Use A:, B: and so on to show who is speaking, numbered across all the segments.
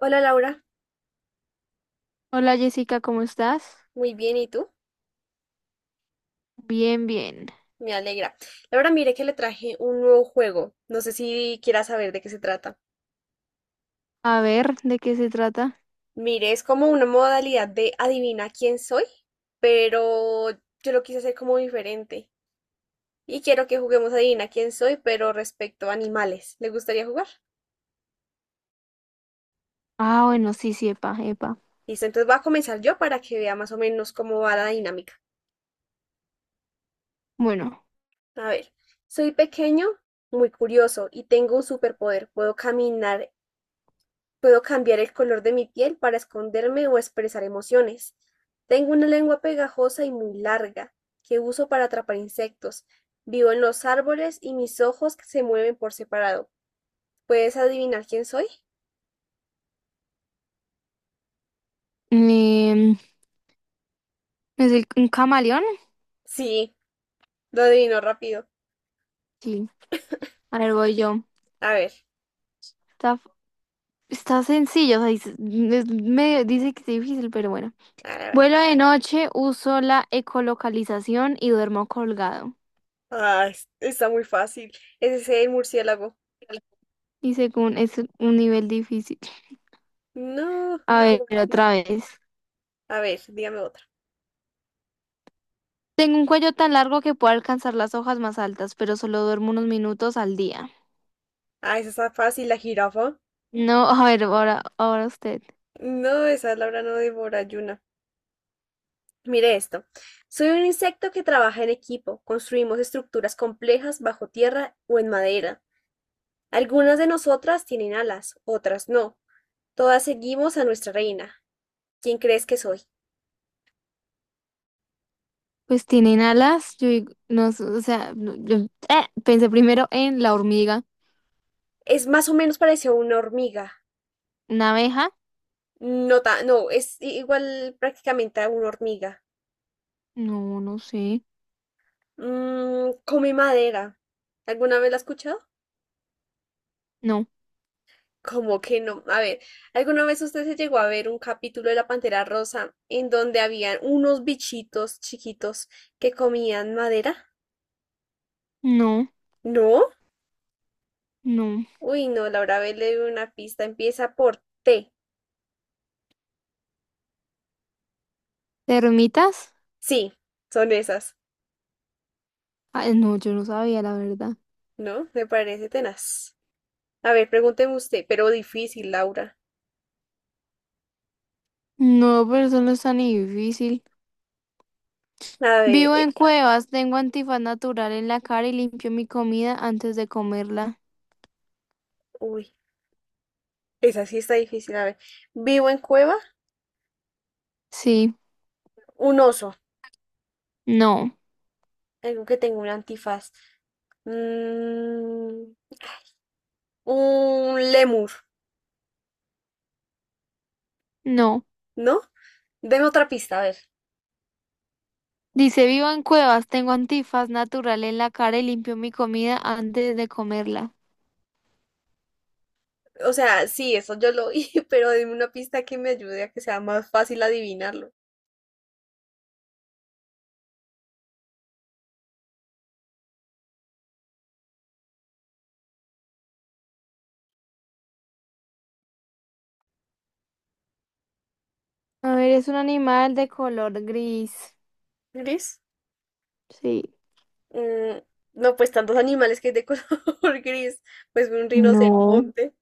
A: Hola, Laura,
B: Hola Jessica, ¿cómo estás?
A: muy bien, ¿y tú?
B: Bien, bien.
A: Me alegra. Laura, mire que le traje un nuevo juego. No sé si quieras saber de qué se trata.
B: A ver, ¿de qué se trata?
A: Mire, es como una modalidad de adivina quién soy, pero yo lo quise hacer como diferente. Y quiero que juguemos a adivina quién soy, pero respecto a animales. ¿Le gustaría jugar?
B: Ah, bueno, sí, sí, epa, epa.
A: Listo, entonces voy a comenzar yo para que vea más o menos cómo va la dinámica.
B: Bueno,
A: A ver, soy pequeño, muy curioso y tengo un superpoder. Puedo caminar. Puedo cambiar el color de mi piel para esconderme o expresar emociones. Tengo una lengua pegajosa y muy larga, que uso para atrapar insectos. Vivo en los árboles y mis ojos se mueven por separado. ¿Puedes adivinar quién soy?
B: em, ¿es el- un camaleón?
A: Sí, lo adivinó rápido.
B: Sí. A ver, voy yo.
A: A ver,
B: Está, está sencillo, o sea, dice- es medio- dice que es difícil, pero bueno.
A: a ver, a ver.
B: Vuelo de noche, uso la ecolocalización y duermo colgado.
A: Ah, está muy fácil. Ese es el murciélago.
B: Y según es un nivel difícil.
A: No.
B: A ver,
A: pero-
B: otra vez.
A: A ver, dígame otra.
B: Tengo un cuello tan largo que puedo alcanzar las hojas más altas, pero solo duermo unos minutos al día.
A: Ah, esa está fácil, la jirafa.
B: No, a ver, ahora, ahora usted.
A: No, esa Laura no devora y mire esto. Soy un insecto que trabaja en equipo. Construimos estructuras complejas bajo tierra o en madera. Algunas de nosotras tienen alas, otras no. Todas seguimos a nuestra reina. ¿Quién crees que soy?
B: Pues tienen alas, yo digo- no, sé, o sea, no, yo pensé primero en la hormiga,
A: Es más o menos parecido a una hormiga.
B: una abeja,
A: No, no, es igual prácticamente a una hormiga.
B: no, no sé,
A: Mm, come madera. ¿Alguna vez la has escuchado?
B: no,
A: Como que no. A ver, ¿alguna vez usted se llegó a ver un capítulo de La Pantera Rosa en donde habían unos bichitos chiquitos que comían madera?
B: no,
A: ¿No?
B: no.
A: Uy, no, Laura B le dio una pista. Empieza por T.
B: ¿Termitas?
A: Sí, son esas,
B: Ay, no, yo no sabía la verdad.
A: ¿no? Me parece tenaz. A ver, pregúnteme usted, pero difícil, Laura.
B: No, pero eso no es tan difícil.
A: A ver,
B: Vivo en cuevas, tengo antifaz natural en la cara y limpio mi comida antes de comerla.
A: uy, esa sí está difícil. A ver, ¿vivo en cueva?
B: Sí,
A: Un oso,
B: no,
A: algo que tenga un antifaz. Mm, un lemur.
B: no.
A: ¿No? Deme otra pista, a ver.
B: Dice, vivo en cuevas, tengo antifaz natural en la cara y limpio mi comida antes de comerla.
A: O sea, sí, eso yo lo oí, pero dime una pista que me ayude a que sea más fácil adivinarlo.
B: A ver, es un animal de color gris.
A: ¿Gris?
B: Sí.
A: Mm, no, pues tantos animales que hay de color gris. Pues un
B: No.
A: rinoceronte.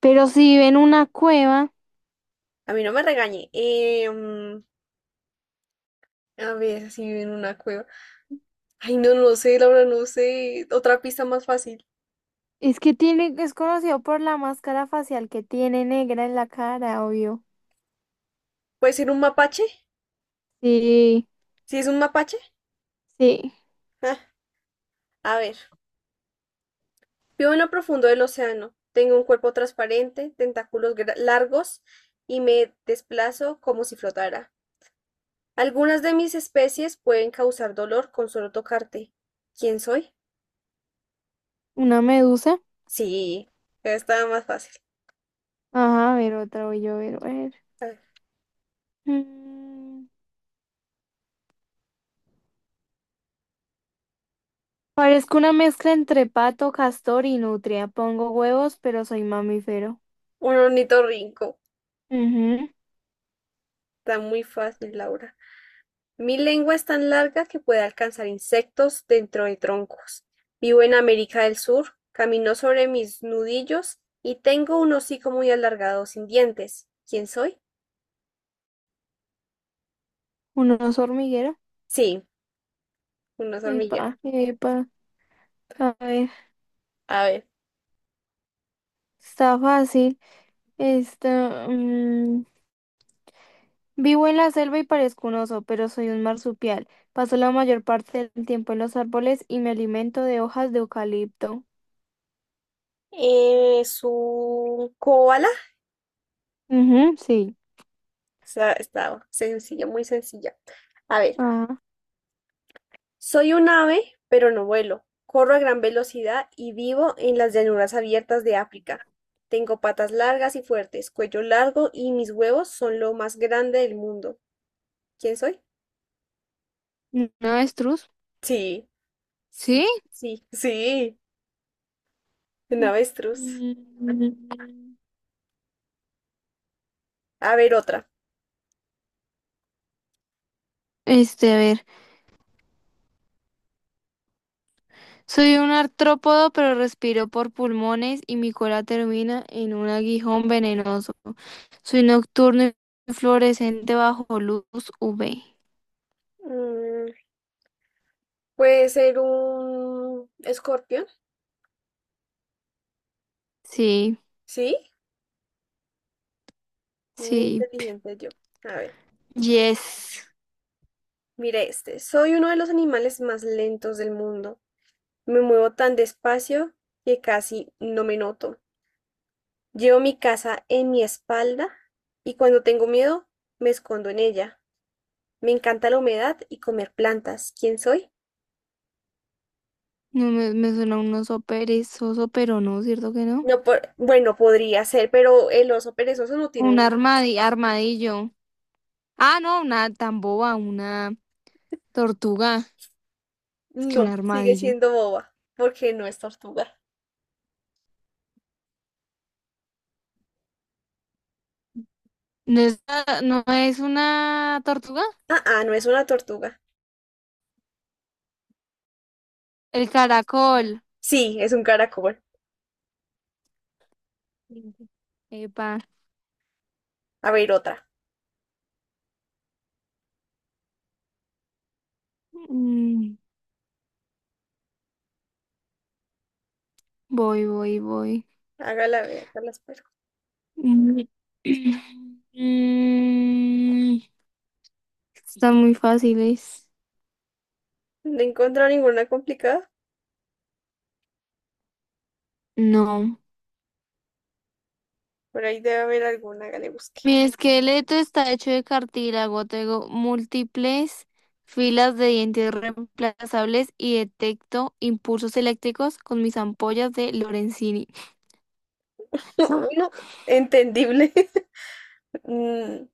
B: Pero si ven una cueva,
A: A mí no me regañe. A ver, si vive en una cueva. Ay, no, no sé, Laura, no sé. Otra pista más fácil.
B: es que tiene, es conocido por la máscara facial que tiene negra en la cara, obvio.
A: ¿Puede ser un mapache?
B: Sí,
A: ¿Si es un mapache?
B: sí.
A: Ah, a ver. Vivo en lo profundo del océano. Tengo un cuerpo transparente, tentáculos largos y me desplazo como si flotara. Algunas de mis especies pueden causar dolor con solo tocarte. ¿Quién soy?
B: Una medusa.
A: Sí, estaba más fácil.
B: Ajá, a ver, otra voy yo a ver, a ver.
A: A ver,
B: Mm, Parezco una mezcla entre pato, castor y nutria. Pongo huevos, pero soy mamífero.
A: un ornitorrinco.
B: Ujú.
A: Está muy fácil, Laura. Mi lengua es tan larga que puede alcanzar insectos dentro de troncos. Vivo en América del Sur, camino sobre mis nudillos y tengo un hocico muy alargado sin dientes. ¿Quién soy?
B: Un oso hormiguero.
A: Sí, un oso hormiguero.
B: Epa, epa. A ver,
A: A ver.
B: está fácil. Este, mm, vivo en la selva y parezco un oso, pero soy un marsupial. Paso la mayor parte del tiempo en los árboles y me alimento de hojas de eucalipto.
A: Es un koala.
B: Ujú, sí.
A: Está, está sencilla, muy sencilla. A ver.
B: Ah,
A: Soy un ave, pero no vuelo. Corro a gran velocidad y vivo en las llanuras abiertas de África. Tengo patas largas y fuertes, cuello largo y mis huevos son lo más grande del mundo. ¿Quién soy?
B: un avestruz.
A: Sí, sí,
B: ¿Sí?
A: sí, sí, un avestruz.
B: Mm.
A: A ver, otra.
B: Este, a ver, soy un artrópodo, pero respiro por pulmones y mi cola termina en un aguijón venenoso. Soy nocturno y fluorescente bajo luz UV.
A: Mm, puede ser un escorpión,
B: Sí,
A: ¿sí? Muy
B: sí,
A: inteligente yo. A ver,
B: yes.
A: mira este. Soy uno de los animales más lentos del mundo. Me muevo tan despacio que casi no me noto. Llevo mi casa en mi espalda y cuando tengo miedo me escondo en ella. Me encanta la humedad y comer plantas. ¿Quién soy?
B: No me, me suena un oso perezoso, pero no, ¿cierto que no?
A: No, por... bueno, podría ser, pero el oso perezoso no tiene
B: Un
A: una.
B: armadi- armadillo. Ah, no, una tan boba, una tortuga. Es que un
A: No, sigue
B: armadillo.
A: siendo boba, porque no es tortuga.
B: ¿No es, no es una tortuga?
A: Ah, ah, no es una tortuga.
B: El caracol.
A: Sí, es un caracol.
B: Epa.
A: A ver, otra.
B: Mm, voy, voy, voy.
A: Hágala ver, hágala, pues.
B: Mm. Mm, están muy fáciles.
A: No encuentro ninguna complicada.
B: No.
A: Por ahí debe haber alguna que le busque.
B: Mi esqueleto está hecho de cartílago, tengo múltiples filas de dientes reemplazables y detecto impulsos eléctricos con mis ampollas de Lorenzini. Ah,
A: Uno, entendible. Mm,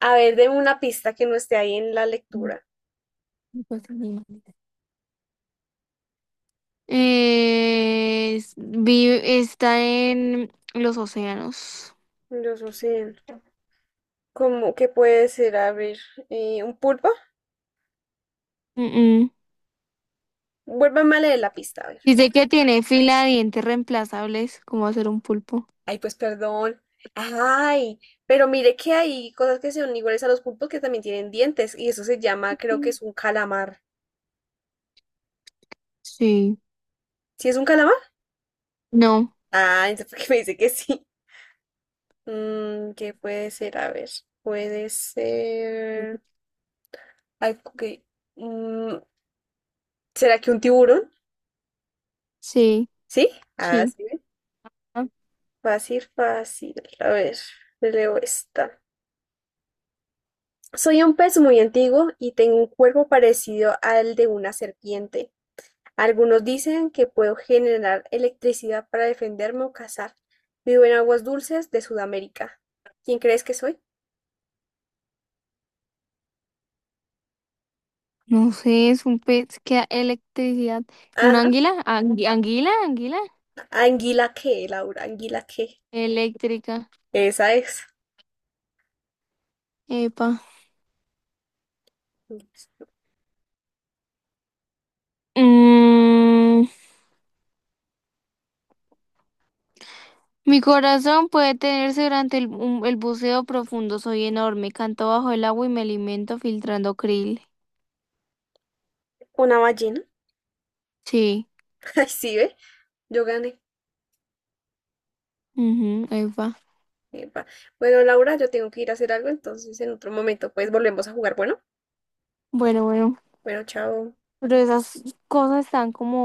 A: a ver, deme una pista que no esté ahí en la lectura.
B: no puedo ser ni maldita. Es- vive- está en los océanos.
A: Yo no sé. ¿Cómo que puede ser? A ver, ¿un pulpo?
B: Mm, mm.
A: Vuélvame a leer la pista, a ver.
B: Dice que tiene fila de dientes reemplazables, como hacer un pulpo.
A: Ay, pues perdón. Ay, pero mire que hay cosas que son iguales a los pulpos que también tienen dientes. Y eso se llama, creo que es un calamar.
B: Sí.
A: ¿Sí es un calamar?
B: No,
A: Ah, entonces, ¿por qué me dice que sí? Mm, ¿qué puede ser? A ver, puede ser. Ay, ok. Mm, ¿será que un tiburón?
B: sí,
A: ¿Sí? Ah,
B: sí.
A: sí. ¿Ve? Fácil, fácil. A ver, te leo esta. Soy un pez muy antiguo y tengo un cuerpo parecido al de una serpiente. Algunos dicen que puedo generar electricidad para defenderme o cazar. Vivo en aguas dulces de Sudamérica. ¿Quién crees que soy?
B: No sé, es un pez que da electricidad. ¿Una
A: Ajá.
B: anguila? Angui- ¿Anguila? ¿Anguila?
A: ¿Anguila qué, Laura? ¿Anguila qué?
B: Eléctrica.
A: Esa es.
B: Epa. Mm, mi corazón puede tenerse durante el, un- el buceo profundo. Soy enorme. Canto bajo el agua y me alimento filtrando krill.
A: Una ballena.
B: Sí.
A: Ay, sí, ve. Yo gané.
B: Ujú, epa.
A: Epa. Bueno, Laura, yo tengo que ir a hacer algo, entonces en otro momento pues volvemos a jugar. Bueno,
B: Bueno, bueno.
A: bueno, chao.
B: Pero esas cosas están como